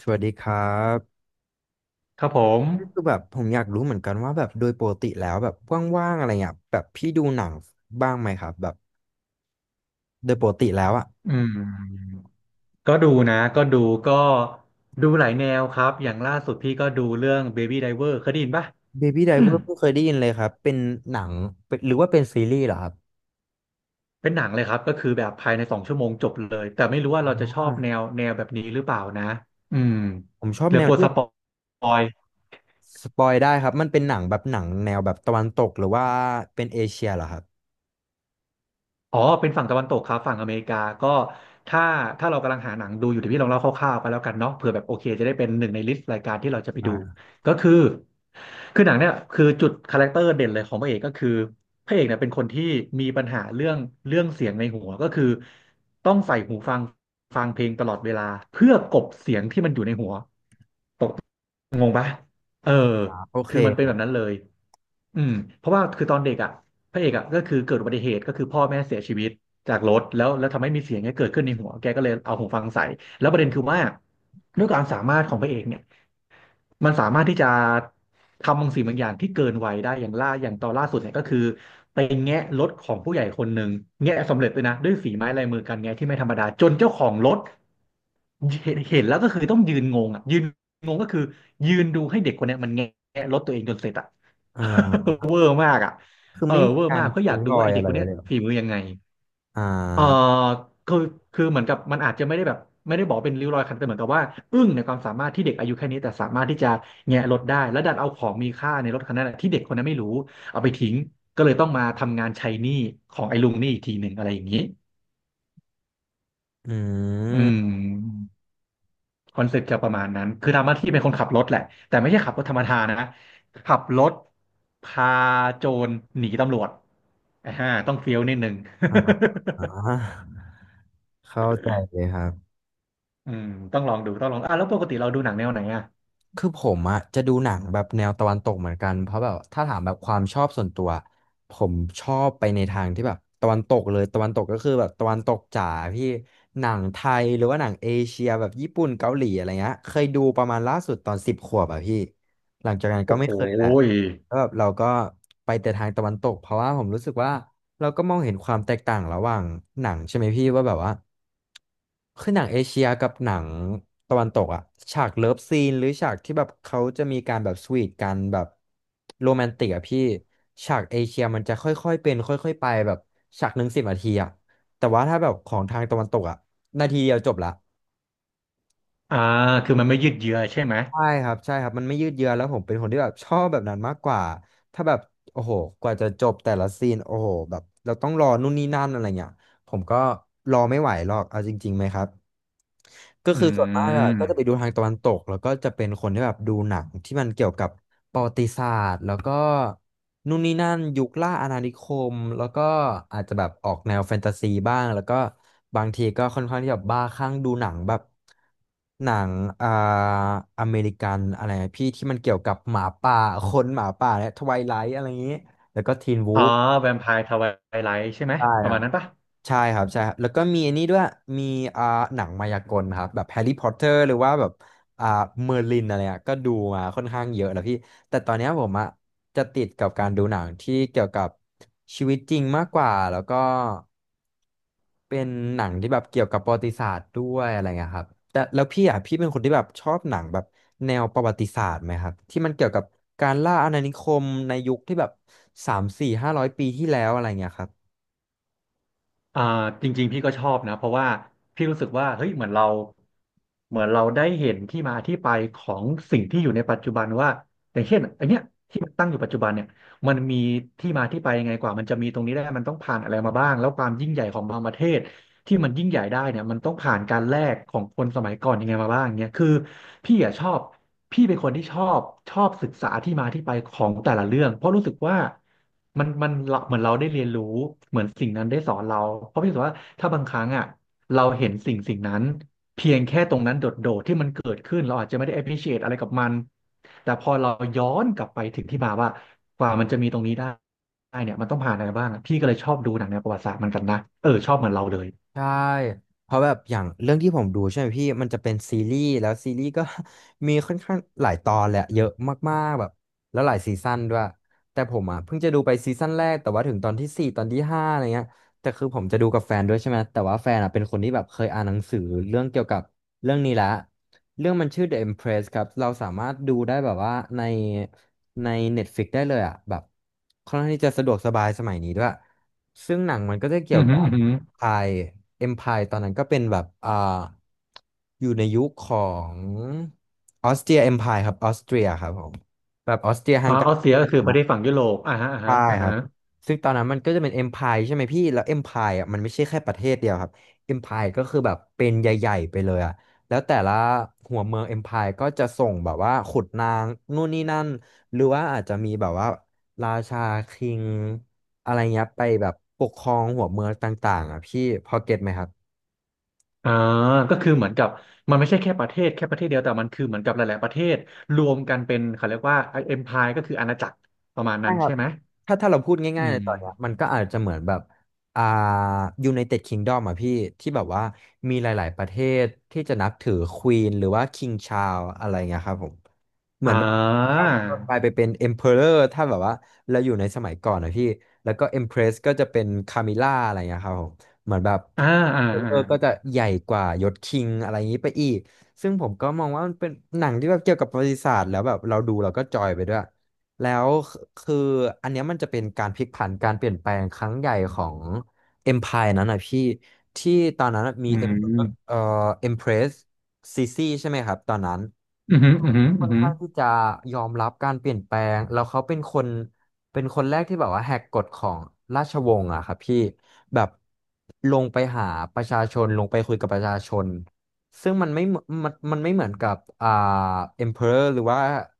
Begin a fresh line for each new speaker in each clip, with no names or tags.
สวัสดีครับ
ครับผม
คือแบบผมอยากรู้เหมือนกันว่าแบบโดยปกติแล้วแบบว่างๆอะไรเงี้ยแบบพี่ดูหนังบ้างไหมครับแบบโดยปกติแล้วอะ
อืมก็ดูนะก็ดูหลายแนวครับ อย่างล่าสุดพี่ก็ดูเรื่อง Baby Driver เคยได้ยินป่ะ
Baby Driver เพิ่งเคยได้ยินเลยครับเป็นหนังเป็นหรือว่าเป็นซีรีส์เหรอครับ
เป็นหนังเลยครับก็คือแบบภายในสองชั่วโมงจบเลย แต่ไม่รู้ว่า
อ๋อ
เราจะชอบแนวแบบนี้หรือเปล่านะอืม
ผมชอบ
เดี๋ย
แน
ว
ว
กลัว
ที่
สปอย
สปอยได้ครับมันเป็นหนังแบบหนังแนวแบบตะวันตกหรือว่าเป็นเอเชียเหรอครับ
อ๋อเป็นฝั่งตะวันตกครับฝั่งอเมริกาก็ถ้าถ้าเรากำลังหาหนังดูอยู่เดี๋ยวพี่ลองเล่าคร่าวๆไปแล้วกันเนาะเผื่อแบบโอเคจะได้เป็นหนึ่งในลิสต์รายการที่เราจะไปดู
อ่า
ก็คือคือหนังเนี่ยคือจุดคาแรคเตอร์เด่นเลยของพระเอกก็คือพระเอกเนี่ยเป็นคนที่มีปัญหาเรื่องเสียงในหัวก็คือต้องใส่หูฟังฟังเพลงตลอดเวลาเพื่อกลบเสียงที่มันอยู่ในหัว งงปะเออ
อ่าโอเค
คือมัน
ค
เป็น
รั
แบบ
บ
นั้นเลยอืมเพราะว่าคือตอนเด็กอ่ะพระเอกอ่ะก็คือเกิดอุบัติเหตุก็คือพ่อแม่เสียชีวิตจากรถแล้วทำให้มีเสียงเนี้ยเกิดขึ้นในหัวแกก็เลยเอาหูฟังใส่แล้วประเด็นคือว่าด้วยความสามารถของพระเอกเนี่ยมันสามารถที่จะทำบางสิ่งบางอย่างที่เกินวัยได้อย่างล่าอย่างตอนล่าสุดเนี่ยก็คือไปแงะรถของผู้ใหญ่คนหนึ่งแงะสำเร็จเลยนะด้วยฝีไม้ลายมือการแงะที่ไม่ธรรมดาจนเจ้าของรถเห็นแล้วก็คือต้องยืนงงอ่ะยืน งงก็คือยืนดูให้เด็กคนเนี้ยมันแงะรถตัวเองจนเสร็จอะ
อ่า
เวอร์มากอะ
คือ
เออ
ไม่มี
เวอร์
การ
มากเพราะอยา
ทิ้
ก
ง
ดู
รอ
ว่าไอ
ย
เด็
อะ
ก
ไร
คน
ไว้
เนี้ย
เลยเหรอ
ฝีมือยังไง
อ่
เออ
า
คือคือเหมือนกับมันอาจจะไม่ได้แบบไม่ได้บอกเป็นริ้วรอยคันแต่เหมือนกับว่าอึ้งในความสามารถที่เด็กอายุแค่นี้แต่สามารถที่จะแงะรถได้แล้วดันเอาของมีค่าในรถคันนั้นนะที่เด็กคนนั้นไม่รู้เอาไปทิ้งก็เลยต้องมาทำงานใช้หนี้ของไอ้ลุงนี่อีกทีหนึ่งอะไรอย่างนี้
อื
อื
ม
ม คอนเซ็ปต์จะประมาณนั้น คือทำหน้าที่เป็นคนขับรถแหละ แต่ไม่ใช่ขับรถธรรมดานะ ขับรถพาโจรหนีตำรวจอ่าต้องเฟี้ยวนิดนึง
อ่าเข้าใจเลยครับ
อืมต้องลองดู ต้องลองอ่ะแล้วปกติเราดูหนังแนวไหนอ่ะ
คือผมอะจะดูหนังแบบแนวตะวันตกเหมือนกันเพราะแบบถ้าถามแบบความชอบส่วนตัวผมชอบไปในทางที่แบบตะวันตกเลยตะวันตกก็คือแบบตะวันตกจ๋าพี่หนังไทยหรือว่าหนังเอเชียแบบญี่ปุ่นเกาหลีอะไรเงี้ยเคยดูประมาณล่าสุดตอน10 ขวบอะพี่หลังจากนั้นก็
โอ้
ไม่
โห
เคยละ
ย
แล้วแบบเราก็ไปแต่ทางตะวันตกเพราะว่าผมรู้สึกว่า เราก็มองเห็นความแตกต่างระหว่างหนังใช่ไหมพี่ว่าแบบว่าคือหนังเอเชียกับหนังตะวันตกอะฉากเลิฟซีนหรือฉากที่แบบเขาจะมีการแบบสวีทกันแบบโรแมนติกอะพี่ฉากเอเชียมันจะค่อยๆเป็นค่อยๆไปแบบฉากหนึ่ง10 นาทีอะแต่ว่าถ้าแบบของทางตะวันตกอะนาทีเดียวจบละ
อ่าคือมันไม่ยืดเยื้อใช่ไหม
ใช่ครับใช่ครับมันไม่ยืดเยื้อแล้วผมเป็นคนที่แบบชอบแบบนั้นมากกว่าถ้าแบบโอ้โหกว่าจะจบแต่ละซีนโอ้โหแบบเราต้องรอนู่นนี่นั่นอะไรเงี้ยผมก็รอไม่ไหวหรอกเอาจริงๆไหมครับ ก็
อื
คือส่วนมากอะก็จะไป
ม
ดูทางตะวันตกแล้วก็จะเป็นคนที่แบบดูหนังที่มันเกี่ยวกับประวัติศาสตร์แล้วก็นู่นนี่นั่นยุคล่าอาณานิคมแล้วก็อาจจะแบบออกแนวแฟนตาซีบ้างแล้วก็บางทีก็ค่อนข้างที่แบบบ้าคลั่งดูหนังแบบหนังอ่าอเมริกันอะไรพี่ที่มันเกี่ยวกับหมาป่าคนหมาป่าและทไวไลท์อะไรอย่างนี้แล้วก็ทีนวู
อ๋อ
ฟ
แวมไพร์ทไวไลท์ใช่ไหม
ได้
ป
ค
ระ
รั
มา
บ
ณนั้นปะ
ใช่ครับใช่ครับแล้วก็มีอันนี้ด้วยมีอ่าหนังมายากลครับแบบแฮร์รี่พอตเตอร์หรือว่าแบบอ่าเมอร์ลินอะไรอ่ะก็ดูมาค่อนข้างเยอะแล้วพี่แต่ตอนเนี้ยผมอ่ะจะติดกับการดูหนังที่เกี่ยวกับชีวิตจริงมากกว่าแล้วก็เป็นหนังที่แบบเกี่ยวกับประวัติศาสตร์ด้วยอะไรเงี้ยครับแต่แล้วพี่อ่ะพี่เป็นคนที่แบบชอบหนังแบบแนวประวัติศาสตร์ไหมครับที่มันเกี่ยวกับการล่าอาณานิคมในยุคที่แบบสามสี่ห้าร้อยปีที่แล้วอะไรเงี้ยครับ
อ่าจริงๆพี่ก็ชอบนะเพราะว่าพี่รู้สึกว่าเฮ้ยเหมือนเราได้เห็นที่มาที่ไปของสิ่งที่อยู่ในปัจจุบันว่าอย่างเช่นไอเนี้ยที่มันตั้งอยู่ปัจจุบันเนี่ยมันมีที่มาที่ไปยังไงกว่ามันจะมีตรงนี้ได้มันต้องผ่านอะไรมาบ้างแล้วความยิ่งใหญ่ของบางประเทศที่มันยิ่งใหญ่ได้เนี่ยมันต้องผ่านการแลกของคนสมัยก่อนยังไงมาบ้างเนี่ยคือพี่อะชอบ พี่เป็นคนที่ชอบศึกษาที่มาที่ไปของแต่ละเรื่องเพราะรู้สึกว่ามันเราเหมือนเราได้เรียนรู้เหมือนสิ่งนั้นได้สอนเราเพราะพี่รู้สึกว่าถ้าบางครั้งอ่ะเราเห็นสิ่งนั้นเพียงแค่ตรงนั้นโดดๆที่มันเกิดขึ้นเราอาจจะไม่ได้ appreciate อะไรกับมันแต่พอเราย้อนกลับไปถึงที่มาว่ากว่ามันจะมีตรงนี้ได้เนี่ยมันต้องผ่านอะไรบ้างอะพี่ก็เลยชอบดูหนังแนวประวัติศาสตร์เหมันกันนะเออชอบเหมือนเราเลย
ใช่เพราะแบบอย่างเรื่องที่ผมดูใช่ไหมพี่มันจะเป็นซีรีส์แล้วซีรีส์ก็ มีค่อนข้างหลายตอนแหละเยอะมากๆแบบแล้วหลายซีซั่นด้วยแต่ผมอ่ะเพิ่งจะดูไปซีซั่นแรกแต่ว่าถึงตอนที่ 4ตอนที่ 5อะไรเงี้ยแต่คือผมจะดูกับแฟนด้วยใช่ไหมแต่ว่าแฟนอ่ะเป็นคนที่แบบเคยอ่านหนังสือเรื่องเกี่ยวกับเรื่องนี้ละ เรื่องมันชื่อ The Empress ครับ เราสามารถดูได้แบบว่าในใน Netflix ได้เลยอ่ะแบบค่อนข้างที่จะสะดวกสบายสมัยนี้ด้วยซึ่งหนังมันก็จะเกี่
อื
ยว
อหื
กั
อ
บ
อือหือ
Empire Empire ตอนนั้นก็เป็นแบบอยู่ในยุคของออสเตรีย Empire ครับออสเตรียครับผมแบบออสเตรียฮั
อ๋อ
งกา
อ
ร
อสเซียก็คือประเทศฝั่
ี
งยุโรปอ่าฮะอ่า
ใช่
ฮะอ่า
ครั
ฮะ
บซึ่งตอนนั้นมันก็จะเป็น Empire ใช่ไหมพี่แล้ว Empire อ่ะมันไม่ใช่แค่ประเทศเดียวครับ Empire ก็คือแบบเป็นใหญ่ๆไปเลยอ่ะแล้วแต่ละหัวเมือง Empire ก็จะส่งแบบว่าขุดนางนู่นนี่นั่นหรือว่าอาจจะมีแบบว่าราชาคิงอะไรเงี้ยไปแบบปกครองหัวเมืองต่างๆอ่ะพี่พอเก็ตไหมครับ
อ่าก็คือเหมือนกับมันไม่ใช่แค่ประเทศเดียวแต่มันคือเหมือนกับหลายๆประเทศรวมกันเป็นเขาเรียกว่าเอ็มพายก็คืออาณาจักรประมาณนั้นใช่ไหม
ถ้าถ้าเราพูด
อื
ง่ายๆใน
ม
ตอนเนี้ยมันก็อาจจะเหมือนแบบอ่า United Kingdom อ่ะพี่ที่แบบว่ามีหลายๆประเทศที่จะนับถือควีนหรือว่าคิงชา r l ลอะไรเงี้ยครับผม เหมื
อ่
อนแบบค
า
รับก็กลายไปเป็น emperor ถ้าแบบว่าเราอยู่ในสมัยก่อนนะพี่แล้วก็ empress ก็จะเป็น camilla อะไรอย่างเงี้ยครับผมเหมือนแบบ
อ่าอ่าอ่า
emperor ก็จะใหญ่กว่ายศ king อะไรอย่างนี้ไปอีกซึ่งผมก็มองว่ามันเป็นหนังที่แบบเกี่ยวกับประวัติศาสตร์แล้วแบบเราดูเราก็จอยไปด้วยแล้วคืออันเนี้ยมันจะเป็นการพลิกผันการเปลี่ยนแปลงครั้งใหญ่ของ empire นั้นนะพี่ที่ตอนนั้นมี
อื
Emperor
ม
empress ซีซีใช่ไหมครับตอนนั้น
อืมอืมอื
ค่อน
ม
ข้างที่จะยอมรับการเปลี่ยนแปลงแล้วเขาเป็นคนเป็นคนแรกที่แบบว่าแหกกฎของราชวงศ์อะครับพี่แบบลงไปหาประชาชนลงไปคุยกับประชาชนซึ่งมันไม่เหมือนกับemperor หรือว่า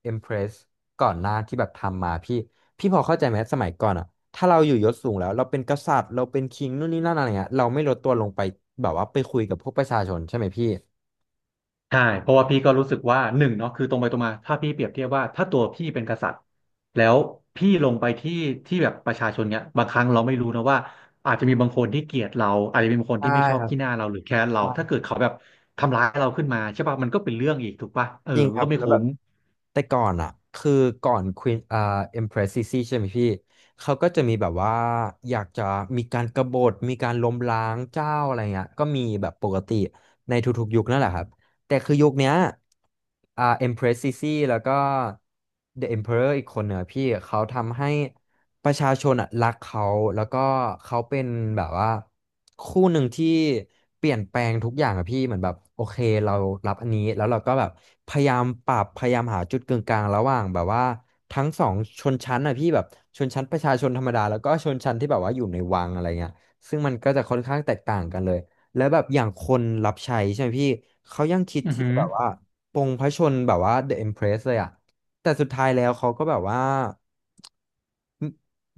empress ก่อนหน้าที่แบบทำมาพี่พี่พอเข้าใจไหมสมัยก่อนอะถ้าเราอยู่ยศสูงแล้วเราเป็นกษัตริย์เราเป็นคิงนู่นนี่นั่นอะไรเงี้ยเราไม่ลดตัวลงไปแบบว่าไปคุยกับพวกประชาชนใช่ไหมพี่
ใช่เพราะว่าพี่ก็รู้สึกว่าหนึ่งเนาะคือตรงไปตรงมาถ้าพี่เปรียบเทียบว่าถ้าตัวพี่เป็นกษัตริย์แล้วพี่ลงไปที่แบบประชาชนเนี่ยบางครั้งเราไม่รู้นะว่าอาจจะมีบางคนที่เกลียดเราอาจจะมีบางคน
ใช่
ที่ไม่ชอ
ค
บ
รับ
ขี้หน้าเราหรือแค้นเราถ้า
ใช่
เกิดเขาแบบทำร้ายเราขึ้นมาใช่ป่ะมันก็เป็นเรื่องอีกถูกป่ะเออ
จริงค
มัน
รับ
ก็ไม่
แล้วแบ
คุ้
บ
ม
แต่ก่อนอ่ะคือก่อนควีนเอ็มเพรสซิซี่ใช่ไหมพี่เขาก็จะมีแบบว่าอยากจะมีการกบฏมีการล้มล้างเจ้าอะไรเงี้ยก็มีแบบปกติในทุกๆยุคนั่นแหละครับแต่คือยุคเนี้ยเอ็มเพรสซิซี่แล้วก็เดอะเอ็มเพอเรอร์อีกคนเนี่ยพี่เขาทำให้ ประชาชนอ่ะรักเขาแล้วก็เขาเป็นแบบว่าคู่หนึ่งที่เปลี่ยนแปลงทุกอย่างอะพี่เหมือนแบบโอเคเรารับอันนี้แล้วเราก็แบบพยายามปรับพยายามหาจุดกึ่งกลางระหว่างแบบว่าทั้งสองชนชั้นอ่ะพี่แบบชนชั้นประชาชนธรรมดาแล้วก็ชนชั้นที่แบบว่าอยู่ในวังอะไรเงี้ยซึ่งมันก็จะค่อนข้างแตกต่างกันเลยแล้วแบบอย่างคนรับใช้ใช่ไหมพี่เขายังคิด
อือ
ที่
หือ
แบบว่าปลงพระชนแบบว่า The Empress เลยอ่ะแต่สุดท้ายแล้วเขาก็แบบว่า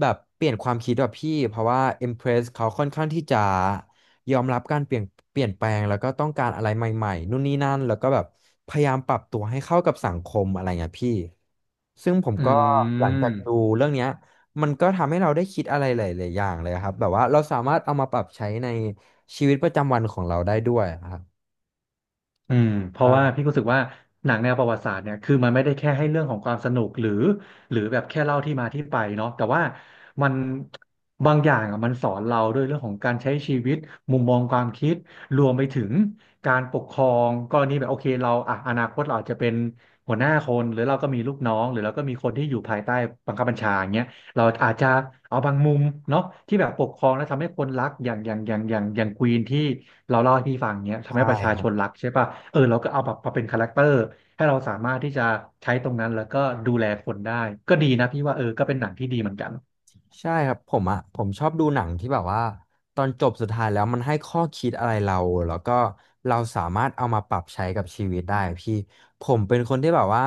แบบเปลี่ยนความคิดแบบพี่เพราะว่า Empress เขาค่อนข้างที่จะยอมรับการเปลี่ยนเปลี่ยนแปลงแล้วก็ต้องการอะไรใหม่ๆนู่นนี่นั่นแล้วก็แบบพยายามปรับตัวให้เข้ากับสังคมอะไรเงี้ยพี่ซึ่งผม
อื
ก็หลังจา
ม
กดูเรื่องเนี้ยมันก็ทำให้เราได้คิดอะไรหลายๆอย่างเลยครับแบบว่าเราสามารถเอามาปรับใช้ในชีวิตประจำวันของเราได้ด้วยครับ
อืมเพราะว่า
ว่า
พี่ก็รู้สึกว่าหนังแนวประวัติศาสตร์เนี่ยคือมันไม่ได้แค่ให้เรื่องของความสนุกหรือหรือแบบแค่เล่าที่มาที่ไปเนาะแต่ว่ามันบางอย่างอ่ะมันสอนเราด้วยเรื่องของการใช้ชีวิตมุมมองความคิดรวมไปถึงการปกครองกรณีแบบโอเคเราอ่ะอนาคตเราอาจจะเป็นหัวหน้าคนหรือเราก็มีลูกน้องหรือเราก็มีคนที่อยู่ภายใต้บังคับบัญชาอย่างเงี้ย เราอาจจะเอาบางมุมเนาะที่แบบปกครองแล้วทำให้คนรักอย่างอย่างอย่างอย่างอย่างควีนที่เราเล่าให้พี่ฟังเนี้ย
ใช
ทำให้ประชาช
่
นรักใช่ป่ะเออเราก็เอาแบบมาเป็นคาแรคเตอร์ให้เราสามารถที่จะใช้ตรงนั้นแล้วก็ดูแลคนได้ก็ดีนะพี่ว่าเออก็เป็นหนังที่ดีเหมือนกัน
ใช่ครับผมอ่ะผมชอบดูหนังที่แบบว่าตอนจบสุดท้ายแล้วมันให้ข้อคิดอะไรเราแล้วก็เราสามารถเอามาปรับใช้กับชีวิตได้พี่ผมเป็นคนที่แบบว่า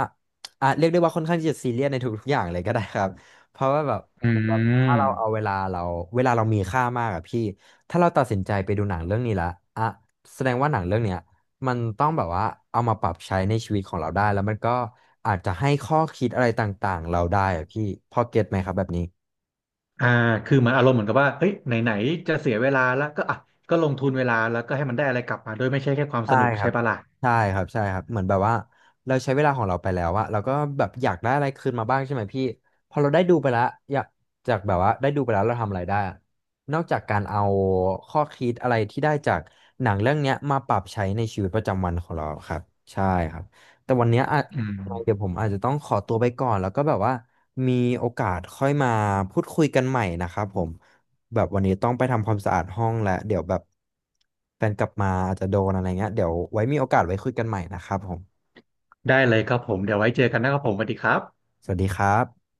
อ่ะเรียกได้ว่าค่อนข้างที่จะซีเรียสในทุกๆอย่างเลยก็ได้ครับเพราะว่าแบบ
อื
เหมือนแบบถ้า
ม
เราเอาเวลาเราเวลาเรามีค่ามากอะพี่ถ้าเราตัดสินใจไปดูหนังเรื่องนี้ละอ่ะแสดงว่าหนังเรื่องเนี้ยมันต้องแบบว่าเอามาปรับใช้ในชีวิตของเราได้แล้วมันก็อาจจะให้ข้อคิดอะไรต่างๆเราได้อะพี่พอเก็ตไหมครับแบบนี้
อ่าคือมันอารมณ์เหมือนกับว่าเฮ้ยไหนๆจะเสียเวลาแล้วก็อ่ะก็ลงทุนเวลาแล้วก็ให้มันได้อะไรกลับมาโดยไม่ใช่แค่ความส
ใช่
นุก
ครั
ใช่
บ
ปะล่ะ
ใช่ครับใช่ครับเหมือนแบบว่าเราใช้เวลาของเราไปแล้วอะเราก็แบบอยากได้อะไรคืนมาบ้างใช่ไหมพี่พอเราได้ดูไปแล้วอยากจากแบบว่าได้ดูไปแล้วเราทำอะไรได้อะนอกจากการเอาข้อคิดอะไรที่ได้จากหนังเรื่องเนี้ยมาปรับใช้ในชีวิตประจำวันของเราครับใช่ครับแต่วันเนี้ยอะ
อื
เดี๋
ม
ยวผมอาจจะต้องขอตัวไปก่อนแล้วก็แบบว่ามีโอกาสค่อยมาพูดคุยกันใหม่นะครับผม แบบวันนี้ต้องไปทำความสะอาดห้องแล้วเดี๋ยวแบบแฟนกลับมาอาจจะโดนอะไรเงี้ยเดี๋ยวไว้มีโอกาสไว้คุยกันใหม่นะครับผม
ได้เลยครับผมเดี๋ยวไว้เจอกันนะครับผมสวัสดีครับ
สวัสดีครับ